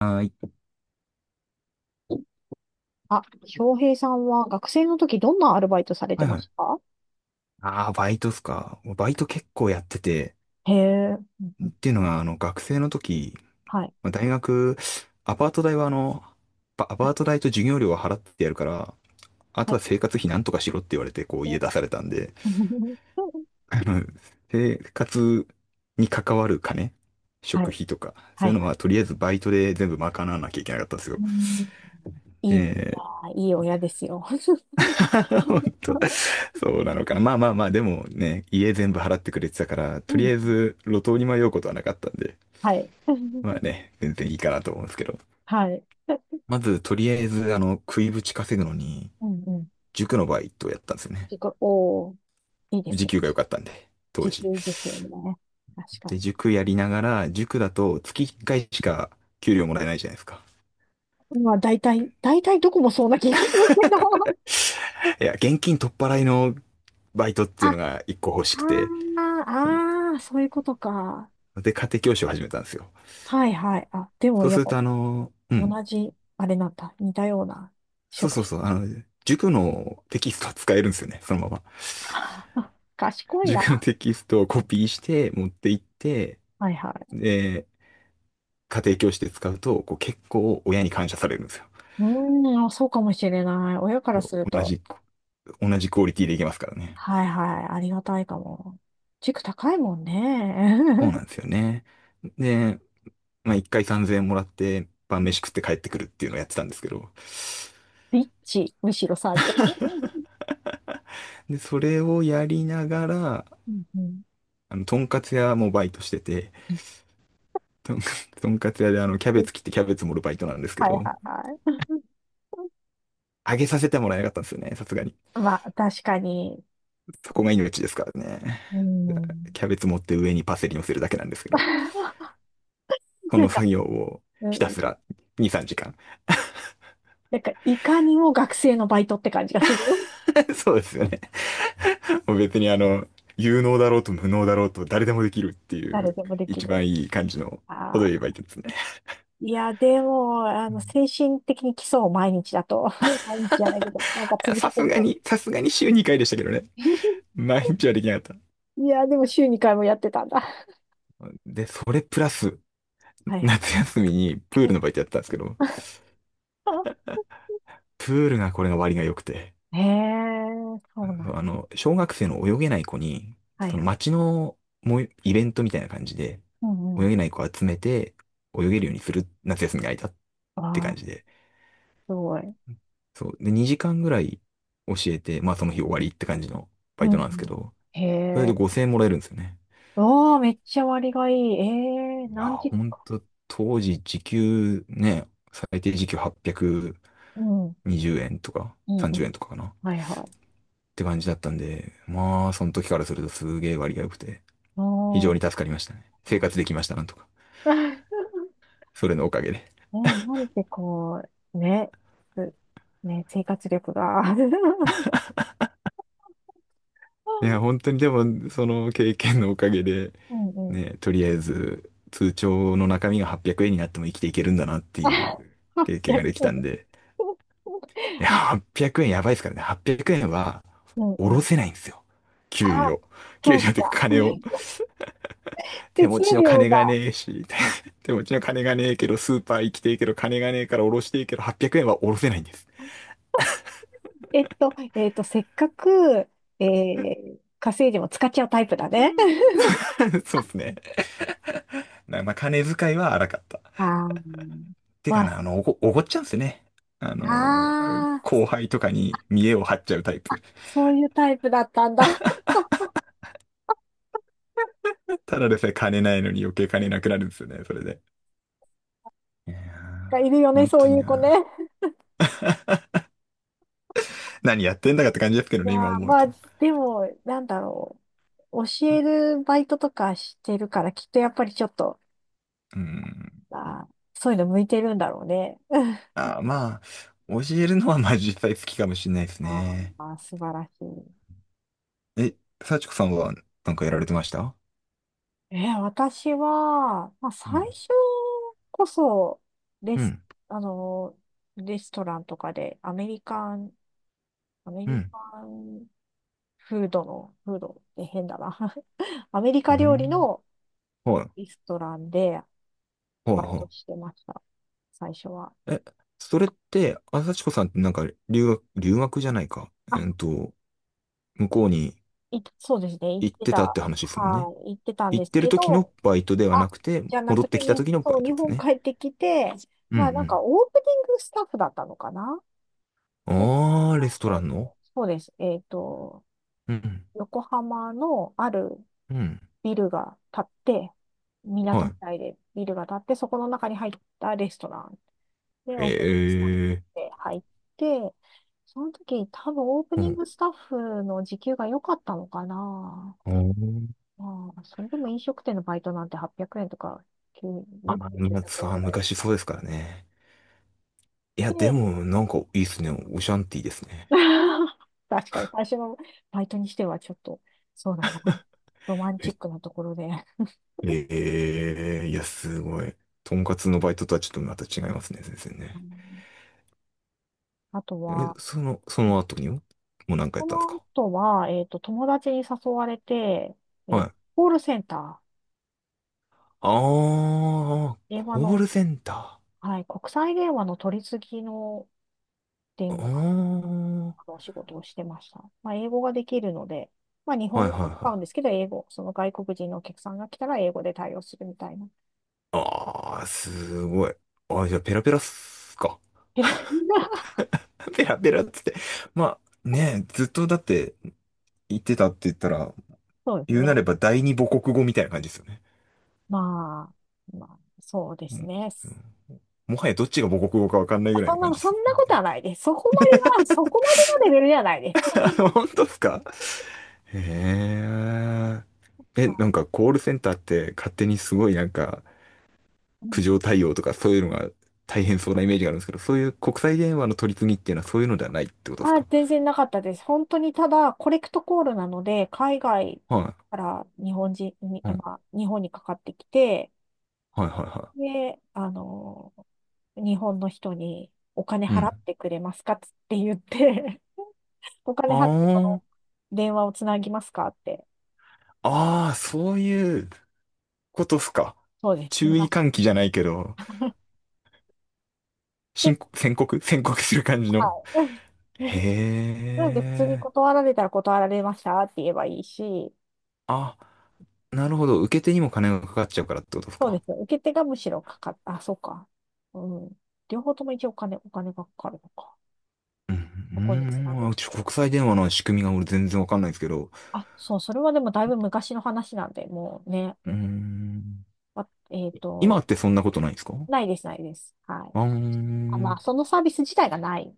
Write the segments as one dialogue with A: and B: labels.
A: あー、い
B: あ、翔平さんは学生の時どんなアルバイトされて
A: はい
B: ま
A: は
B: し
A: い。
B: たか？
A: ああ、バイトっすか。もうバイト結構やってて、
B: へえ、うんう
A: っ
B: ん。
A: ていうのが、学生の時、
B: はい。
A: まあ、大学、アパート代はア
B: は
A: パ
B: い
A: ート代と授業料は払ってやるから、あ
B: は
A: と
B: い。
A: は生活費なんとかしろって言われて、こう家出されたんで、あの、生活に関わる金、
B: は
A: 食
B: い。
A: 費とか、
B: は
A: そ
B: い
A: ういうの
B: はい。
A: はとりあえずバイトで全部賄わなきゃいけなかったんですよ。
B: うん、いい、いやー、いい親ですよ。
A: 本当、そうなのかな。まあまあまあ、でもね、家全部払ってくれてたから、
B: う
A: とり
B: ん。
A: あえず路頭に迷うことはなかったんで、
B: はい。
A: まあ ね、全然いいかなと思うんですけど。
B: はい。
A: まず、とりあえず、食いぶち稼ぐのに、
B: うんうん。
A: 塾のバイトをやったんですよね。
B: 自己、おー、いいです
A: 時
B: ね。
A: 給が良かったんで、当
B: 時
A: 時。
B: 給ですよね。確
A: で、
B: か
A: 塾やりながら、塾だと月1回しか給料もらえないじゃないですか。
B: に。まあ、大体、大体どこもそうな気がするけど。
A: いや、現金取っ払いのバイトっ て
B: あ、
A: いう
B: あ
A: のが1個欲しくて、
B: ーあー、そういうことか。
A: で、家庭教師を始めたんですよ。
B: はいはい。あ、でも
A: そう
B: や
A: す
B: っ
A: る
B: ぱ
A: と、うん、
B: 同じ、あれなんだ。似たような
A: そう
B: 職
A: そう
B: 種。
A: そう、塾のテキストは使えるんですよね、そのまま。
B: あ、賢い
A: 塾の
B: な。
A: テキストをコピーして持って行って、
B: はいはい。
A: で、家庭教師で使うと、こう結構親に感謝されるんですよ。
B: うーん、あ、そうかもしれない。親からする
A: 同
B: と。
A: じ、同じクオリティでいけますからね。
B: はいはい。ありがたいかも。塾高いもんね。
A: そうな んですよね。で、まあ一回3000円もらって晩飯食って帰ってくるっていうのをやってたんですけど、
B: リッチ。むしろ3000。
A: で、それをやりながら、
B: うんうん。
A: とんかつ屋もバイトしてて、とんか とんかつ屋でキャベツ切ってキャベツ盛るバイトなんですけ
B: はいはい
A: ど、
B: は
A: あげさせてもらえなかったんですよね、さすがに。
B: い。まあ、確かに。
A: そこが命ですからね。
B: うん。
A: キャベツ持って上にパセリ乗せるだけなんですけど、こ
B: な
A: の
B: んか、
A: 作業を
B: う
A: ひた
B: ん、
A: すら2、3時間。
B: なんか、いかにも学生のバイトって感じがする。
A: そうですよね。もう別に有能だろうと無能だろうと誰でもできるってい
B: 誰
A: う、
B: でもでき
A: 一
B: る。
A: 番いい感じの
B: あ
A: 程よい
B: ー、
A: バイトですね。
B: いや、でも、
A: うん、
B: 精神的に基礎を毎日だと。毎日じゃないけど、なんか続けてると。
A: さすがに週2回でしたけどね。毎日はできなかっ
B: いや、でも週2回もやってたんだ。
A: た。で、それプラス、
B: はいは
A: 夏
B: い。
A: 休みにプールのバイトやってたんですけど、プールがこれが割が良くて、
B: へえ、そうなん
A: 小学生の泳げない子に、
B: だ。はい
A: そ
B: は
A: の
B: い。
A: 町のもうイベントみたいな感じで、
B: うんうん。
A: 泳げない子を集めて、泳げるようにする夏休みが空いたっ
B: あ
A: て感
B: あ、
A: じで。
B: すごい。
A: そう。で、2時間ぐらい教えて、まあその日終わりって感じのバ
B: う
A: イ
B: んう
A: トなんですけ
B: ん。
A: ど、
B: へ
A: それで
B: え。
A: 5000円もらえるんですよね。
B: おー、めっちゃ割がいい。ええ、
A: いやー、
B: 何時
A: ほん
B: か。
A: と、当時時給ね、最低時給
B: うん
A: 820円とか
B: うんう
A: 30
B: ん。
A: 円とかかなっ
B: はいはい。
A: て感じだったんで、まあその時からするとすげえ割が良くて、非
B: お
A: 常
B: ー。
A: に助かりましたね。生活できました、なんとか。それのおかげで。
B: ね、なんでこう、ね、すね、生活力が。
A: い
B: う
A: や、本当にでも、その経験のおかげで、
B: んうん。
A: ね、とりあえず、通帳の中身が800円になっても生きていけるんだなってい
B: あ、
A: う経験ができたん
B: 逆。
A: で、いや、
B: あ、
A: 800円やばいですからね。800円は、
B: うん
A: お
B: う
A: ろ
B: ん。
A: せないんですよ。給
B: あ、
A: 料。給
B: そう
A: 料っていう
B: か。
A: か金を。手
B: 手
A: 持
B: 数
A: ちの
B: 料
A: 金
B: が。
A: がねえし、手持ちの金がねえけど、スーパー行きてえけど、金がねえからおろしてえけど、800円はおろせないんです。
B: せっかく、稼いでも使っちゃうタイプだね。
A: そうですね。まあ、金遣いは荒かった。
B: ああ、
A: て
B: ま
A: か
B: あ、
A: な、おごっちゃうんですよね。あの、
B: ああ、
A: 後輩とかに見栄
B: そ
A: を
B: う、
A: 張っちゃうタイプ。
B: そういうタイプだったんだ。
A: ただでさえ金ないのに余計金なくなるんですよね、それで。いやー、
B: がいるよね、
A: 本
B: そ
A: 当
B: う
A: に
B: いう子ね。
A: な。何やってんだかって感じですけど
B: いや
A: ね、今
B: ー、
A: 思う
B: まあ、
A: と。
B: でも、なんだろう。教えるバイトとかしてるから、きっとやっぱりちょっと、
A: うん。
B: あー、そういうの向いてるんだろうね。
A: あー、まあ、教えるのはまあ実際好きかもしれないです
B: あ
A: ね。
B: あ、素晴らしい。
A: え、幸子さんはなんかやられてました？
B: えー、私は、まあ、
A: う
B: 最
A: ん。
B: 初こそ、レ
A: う
B: ス、
A: ん。
B: あの、レストランとかで、アメリカン、アメ
A: う
B: リ
A: ん。
B: カンフードの、フードって変だな。アメリ
A: う
B: カ料理
A: ん。
B: の
A: はい。
B: レストランで
A: はい
B: バイト
A: は
B: してました。最初は。
A: い。え、それって、あ、幸子さんってなんか留学じゃないか。
B: あ、
A: 向こうに
B: い、そうですね。行っ
A: 行っ
B: て
A: て
B: た。
A: たって話ですもんね。
B: はい、行ってたん
A: 行
B: で
A: っ
B: す
A: てる
B: け
A: 時の
B: ど、
A: バイトでは
B: あ、
A: なくて、
B: じゃな
A: 戻っ
B: く
A: て
B: て、
A: き
B: 日
A: た
B: 本、
A: 時のバ
B: そう、
A: イト
B: 日
A: です
B: 本
A: ね。
B: 帰ってきて、
A: う
B: まあなん
A: ん
B: かオープニングスタッフだったのかな。
A: うん。あー、レスト
B: そ
A: ラ
B: うで
A: ンの。
B: す。そうです
A: うん
B: 横浜のある
A: うん。うん。
B: ビルが建って、港み
A: は
B: たいでビルが建って、そこの中に入ったレストランで
A: い。
B: オープニングスタッフ
A: へえ。
B: で入って、その時多分オープ
A: う
B: ニン
A: ん。
B: グスタッフの時給が良かったのかな。
A: あー
B: まあ、それでも飲食店のバイトなんて800円とか、9、よく
A: まあ、
B: て
A: まあ
B: 900円
A: さあ
B: ぐらいだっ
A: 昔
B: た
A: そうで
B: か
A: すからね。いや、で
B: な。
A: も、なんかいいですね。オシャンティーですね。
B: 確かに、最初のバイトにしてはちょっと、そうだな。ロマンチ
A: え、
B: ックなところで。
A: いや、すごい。とんかつのバイトとはちょっとまた違いますね、先生
B: う
A: ね。
B: ん、あと
A: え、
B: は、
A: その後にも、もう何かや
B: こ
A: ったんです
B: の
A: か？
B: 後は、友達に誘われて、え
A: は
B: ー、
A: い。
B: コールセンター、
A: ああ、
B: 電話
A: コー
B: の、
A: ルセンタ
B: はい、国際電話の取り次ぎの電話
A: ー。あ
B: のお仕事をしてました。まあ、英語ができるので、まあ、日
A: あ、
B: 本
A: は
B: 語
A: いはい
B: を使うん
A: は
B: で
A: い。
B: すけど、英語、その外国人のお客さんが来たら英語で対応するみたいな。
A: ああ、すごい。ああ、じゃあペラペラっすか。ペラペラっつって。まあ、ねずっとだって言ってたって言ったら、
B: そうです
A: 言う
B: ね。
A: なれば第二母国語みたいな感じですよね。
B: まあ、まあ、そうで
A: う
B: す
A: ん
B: ね。
A: うん、もはやどっちが母国語かわかんない
B: あ、
A: ぐらい
B: そ
A: の
B: ん
A: 感
B: な、
A: じで
B: そ
A: す。
B: んなことはないです。そこまでは、そこまでのレベルではないです。
A: 本当ですか？へえ。え、な
B: は
A: んかコールセンターって勝手にすごいなんか、
B: い。う
A: 苦
B: ん、
A: 情対応とかそういうのが大変そうなイメージがあるんですけど、そういう国際電話の取り次ぎっていうのはそういうのではないってことです
B: あ、
A: か？
B: 全然なかったです。本当にただ、コレクトコールなので、海外
A: は
B: から日本人に、
A: い。うん。は
B: ま
A: い
B: あ、日本にかかってきて、
A: はいは
B: で、日本の人にお金
A: い。う
B: 払っ
A: ん。
B: てくれますかつって言って、お金
A: あ
B: 払ってこの電話をつなぎますかって。
A: あ、ああ、そういうことっすか。
B: そうです。
A: 注意
B: 昔。
A: 喚起じゃないけど、
B: で、
A: 宣告宣告する感じの。
B: はい。
A: へ
B: なので、普通に
A: え。
B: 断られたら断られましたって言えばいいし、
A: あ、なるほど。受け手にも金がかかっちゃうからってことです
B: そうで
A: か？
B: す。受け手がむしろかかっ、あ、そうか。うん。両方とも一応お金、お金がかかるのか。
A: うん。
B: そこにつなぐ
A: うーん、
B: まで。
A: 国際電話の仕組みが俺全然わかんないですけど。
B: あ、そう、それはでもだいぶ昔の話なんで、もうね、
A: うーん。
B: あ、
A: 今ってそんなことないんですか？
B: ないです、ないです。はい。
A: あー
B: あ、まあ、そのサービス自体がない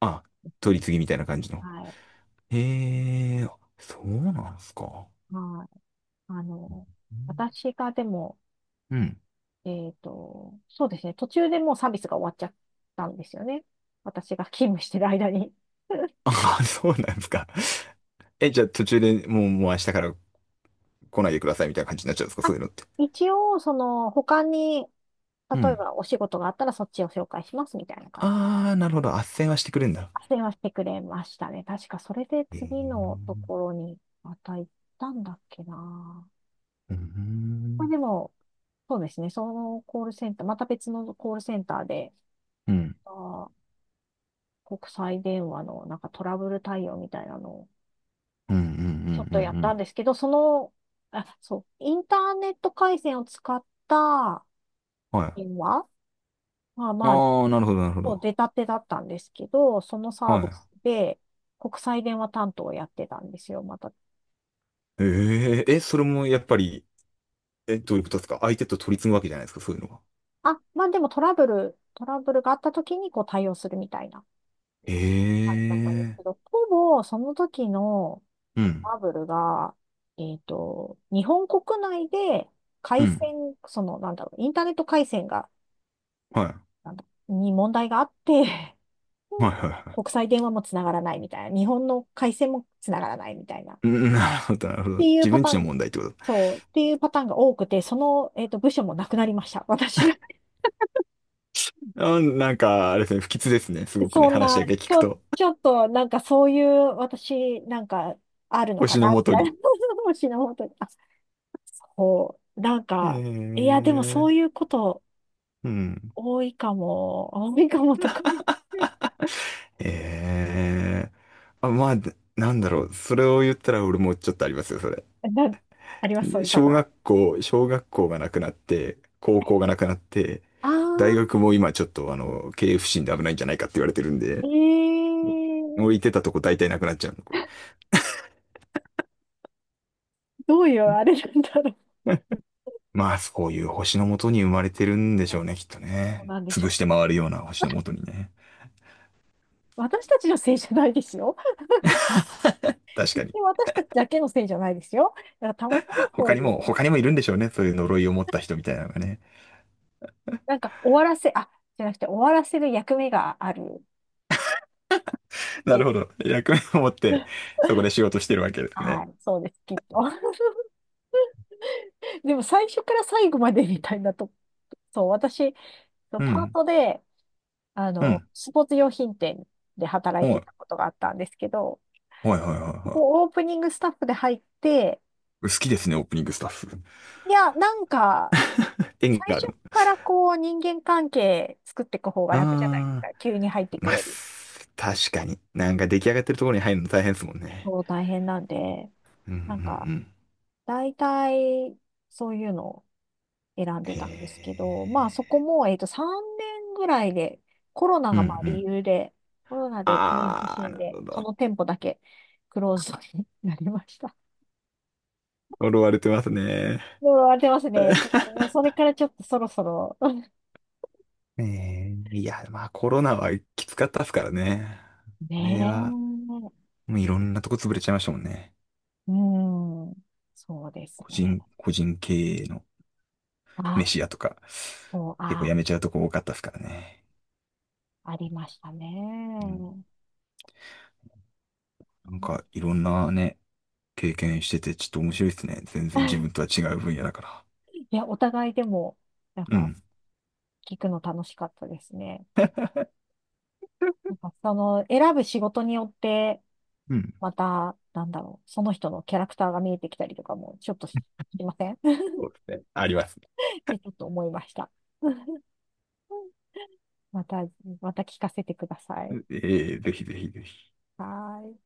A: あ、
B: です
A: 取
B: ね。
A: り次ぎみたいな感じの。
B: はい。
A: へえ、そうなんすか。
B: はい。あの、私がでも、
A: うん。
B: そうですね、途中でもうサービスが終わっちゃったんですよね。私が勤務してる間に。
A: あ、そうなんすか。え、じゃあ途中でもう、もう明日から来ないでくださいみたいな感じになっちゃうんですか、
B: あ、
A: そういうのって。
B: 一応、その、他に、
A: う
B: 例え
A: ん。
B: ばお仕事があったらそっちを紹介しますみたいな感じ。
A: ああ、なるほど。斡旋はしてくれるんだ。
B: 斡旋はしてくれましたね。確かそれで
A: え
B: 次のと
A: え。
B: ころにまた行ったんだっけな。
A: う
B: これ
A: ん。
B: でも、そうですね。そのコールセンター、また別のコールセンターで、
A: うん。
B: あー、国際電話のなんかトラブル対応みたいなのを
A: うん。う
B: ちょっ
A: ん。うん。
B: とや
A: う
B: っ
A: んう
B: たん
A: ん、
B: ですけど、その、あ、そう、インターネット回線を使った
A: はい。
B: 電話、まあまあ
A: ああ、なるほど、なるほ
B: こう
A: ど。
B: 出たてだったんですけど、そのサービ
A: は
B: スで国際電話担当をやってたんですよ、また。
A: い。ええ、え、それもやっぱり、え、どういうことですか？相手と取り次ぐわけじゃないですか、そういうのは。
B: あ、まあでもトラブル、トラブルがあった時にこう対応するみたいな
A: え
B: 感じだったんですけ
A: え。
B: ど、ほぼその時の
A: う
B: ト
A: ん。
B: ラブルが、日本国内で
A: う
B: 回
A: ん。
B: 線、その、なんだろう、インターネット回線が、
A: はい。
B: なんだ、に問題があって、
A: はいは いは
B: 国
A: い。
B: 際電話もつながらないみたいな、日本の回線もつながらないみたいな、っ
A: うん、なるほど、なるほど。
B: ていう
A: 自
B: パ
A: 分
B: タ
A: ち
B: ー
A: の
B: ン、
A: 問題ってこと。
B: そう、っていうパターンが多くて、その、部署もなくなりました。私が、
A: うん、なんか、あれですね、不吉ですね。す ごくね、
B: そん
A: 話
B: な、
A: だけ聞
B: ち
A: く
B: ょ、
A: と。
B: ちょっと、なんかそういう、私、なんか、あるのか
A: 星
B: な、
A: の
B: み
A: もと
B: たいな。
A: に。
B: 私の本当に、あ、こう、なん
A: へ
B: か、いや、でもそ
A: え。
B: ういうこと
A: うん。
B: 多いかも、多いかもとか、
A: へえ。あ、まあ、なんだろう。それを言ったら俺もちょっとありますよ、それ。
B: な、あります、そう
A: で
B: いうパターン。
A: 小学校がなくなって、高校がなくなって、
B: あ
A: 大学も今ちょっと経営不振で危ないんじゃないかって言われてるん
B: ー、
A: で、
B: え
A: 置い
B: ー、
A: てたとこ大体なくなっちゃうの、これ。
B: どういうあれなんだろう。
A: まあ、そういう星のもとに生まれてるんでしょうね、きっと
B: そう
A: ね。
B: なんでしょ
A: 潰して
B: う。
A: 回るような星のもとにね。
B: 私たちのせいじゃないですよ。
A: 確
B: で
A: かに。
B: 私たちだけのせいじゃないですよ。だからたまたまそういう、
A: 他にもいるんでしょうね。そういう呪いを持った人みたいなのがね。
B: なんか終わらせ、あ、じゃなくて終わらせる役目があるって
A: な
B: い
A: るほ
B: う。
A: ど。役目を持って、そこで仕事してるわけです
B: は
A: ね。
B: い、そうです、きっと。でも最初から最後までみたいなと、そう、私、パ
A: う
B: ー
A: ん。
B: トで、
A: うん。
B: スポーツ用品店で働い
A: は
B: て
A: い。
B: たことがあったんですけど、
A: はいはいはいは
B: こう、オープニングスタッフで入って、
A: い。好きですね、オープニングスタッフ。
B: いや、なんか、
A: 縁
B: 最
A: があ
B: 初
A: る。
B: からこう、人間関係作っていく方が楽じゃないです
A: ああ、
B: か。急に入っていく
A: まあ、
B: より。
A: 確かに。なんか出来上がってるところに入るの大変ですもんね。
B: そう、大変なんで、
A: うんうんう
B: なんか、
A: ん。
B: 大体、そういうの、選ん
A: へ
B: でたんですけど、まあそこ
A: え。
B: も、3年ぐらいで、コロナ
A: うんう
B: がまあ理
A: ん。
B: 由で、コロナで経営不
A: ああ、
B: 振
A: なる
B: で、
A: ほ
B: そ
A: ど。
B: の店舗だけクローズドになりました。
A: 呪われてますね。
B: もう荒れてますね。ちょっ と、もうそれからちょっとそろそろ。
A: いや、まあコロナはきつかったですからね。あれは、
B: ね
A: もうい
B: え。
A: ろんなとこ潰れちゃいましたもんね。
B: うん。そうですね。
A: 個人経営の
B: あ、
A: 飯屋とか、
B: そう、
A: 結構
B: あ、
A: やめちゃうとこ多かったですからね。
B: ありました
A: う
B: ね。
A: ん。なん
B: ね。
A: かいろんなね、経験しててちょっと面白いですね。全然自分と は違う分野だから。
B: いや、お互いでも、なん
A: う
B: か、
A: ん。
B: 聞くの楽しかったですね。なんか、その、選ぶ仕事によって、
A: うん。
B: また、なんだろう、その人のキャラクターが見えてきたりとかも、ちょっとし、しません。
A: そうですね。あります。
B: で、ちょっと思いました。また、また聞かせてください。
A: ええぜひぜひぜひ。
B: はーい。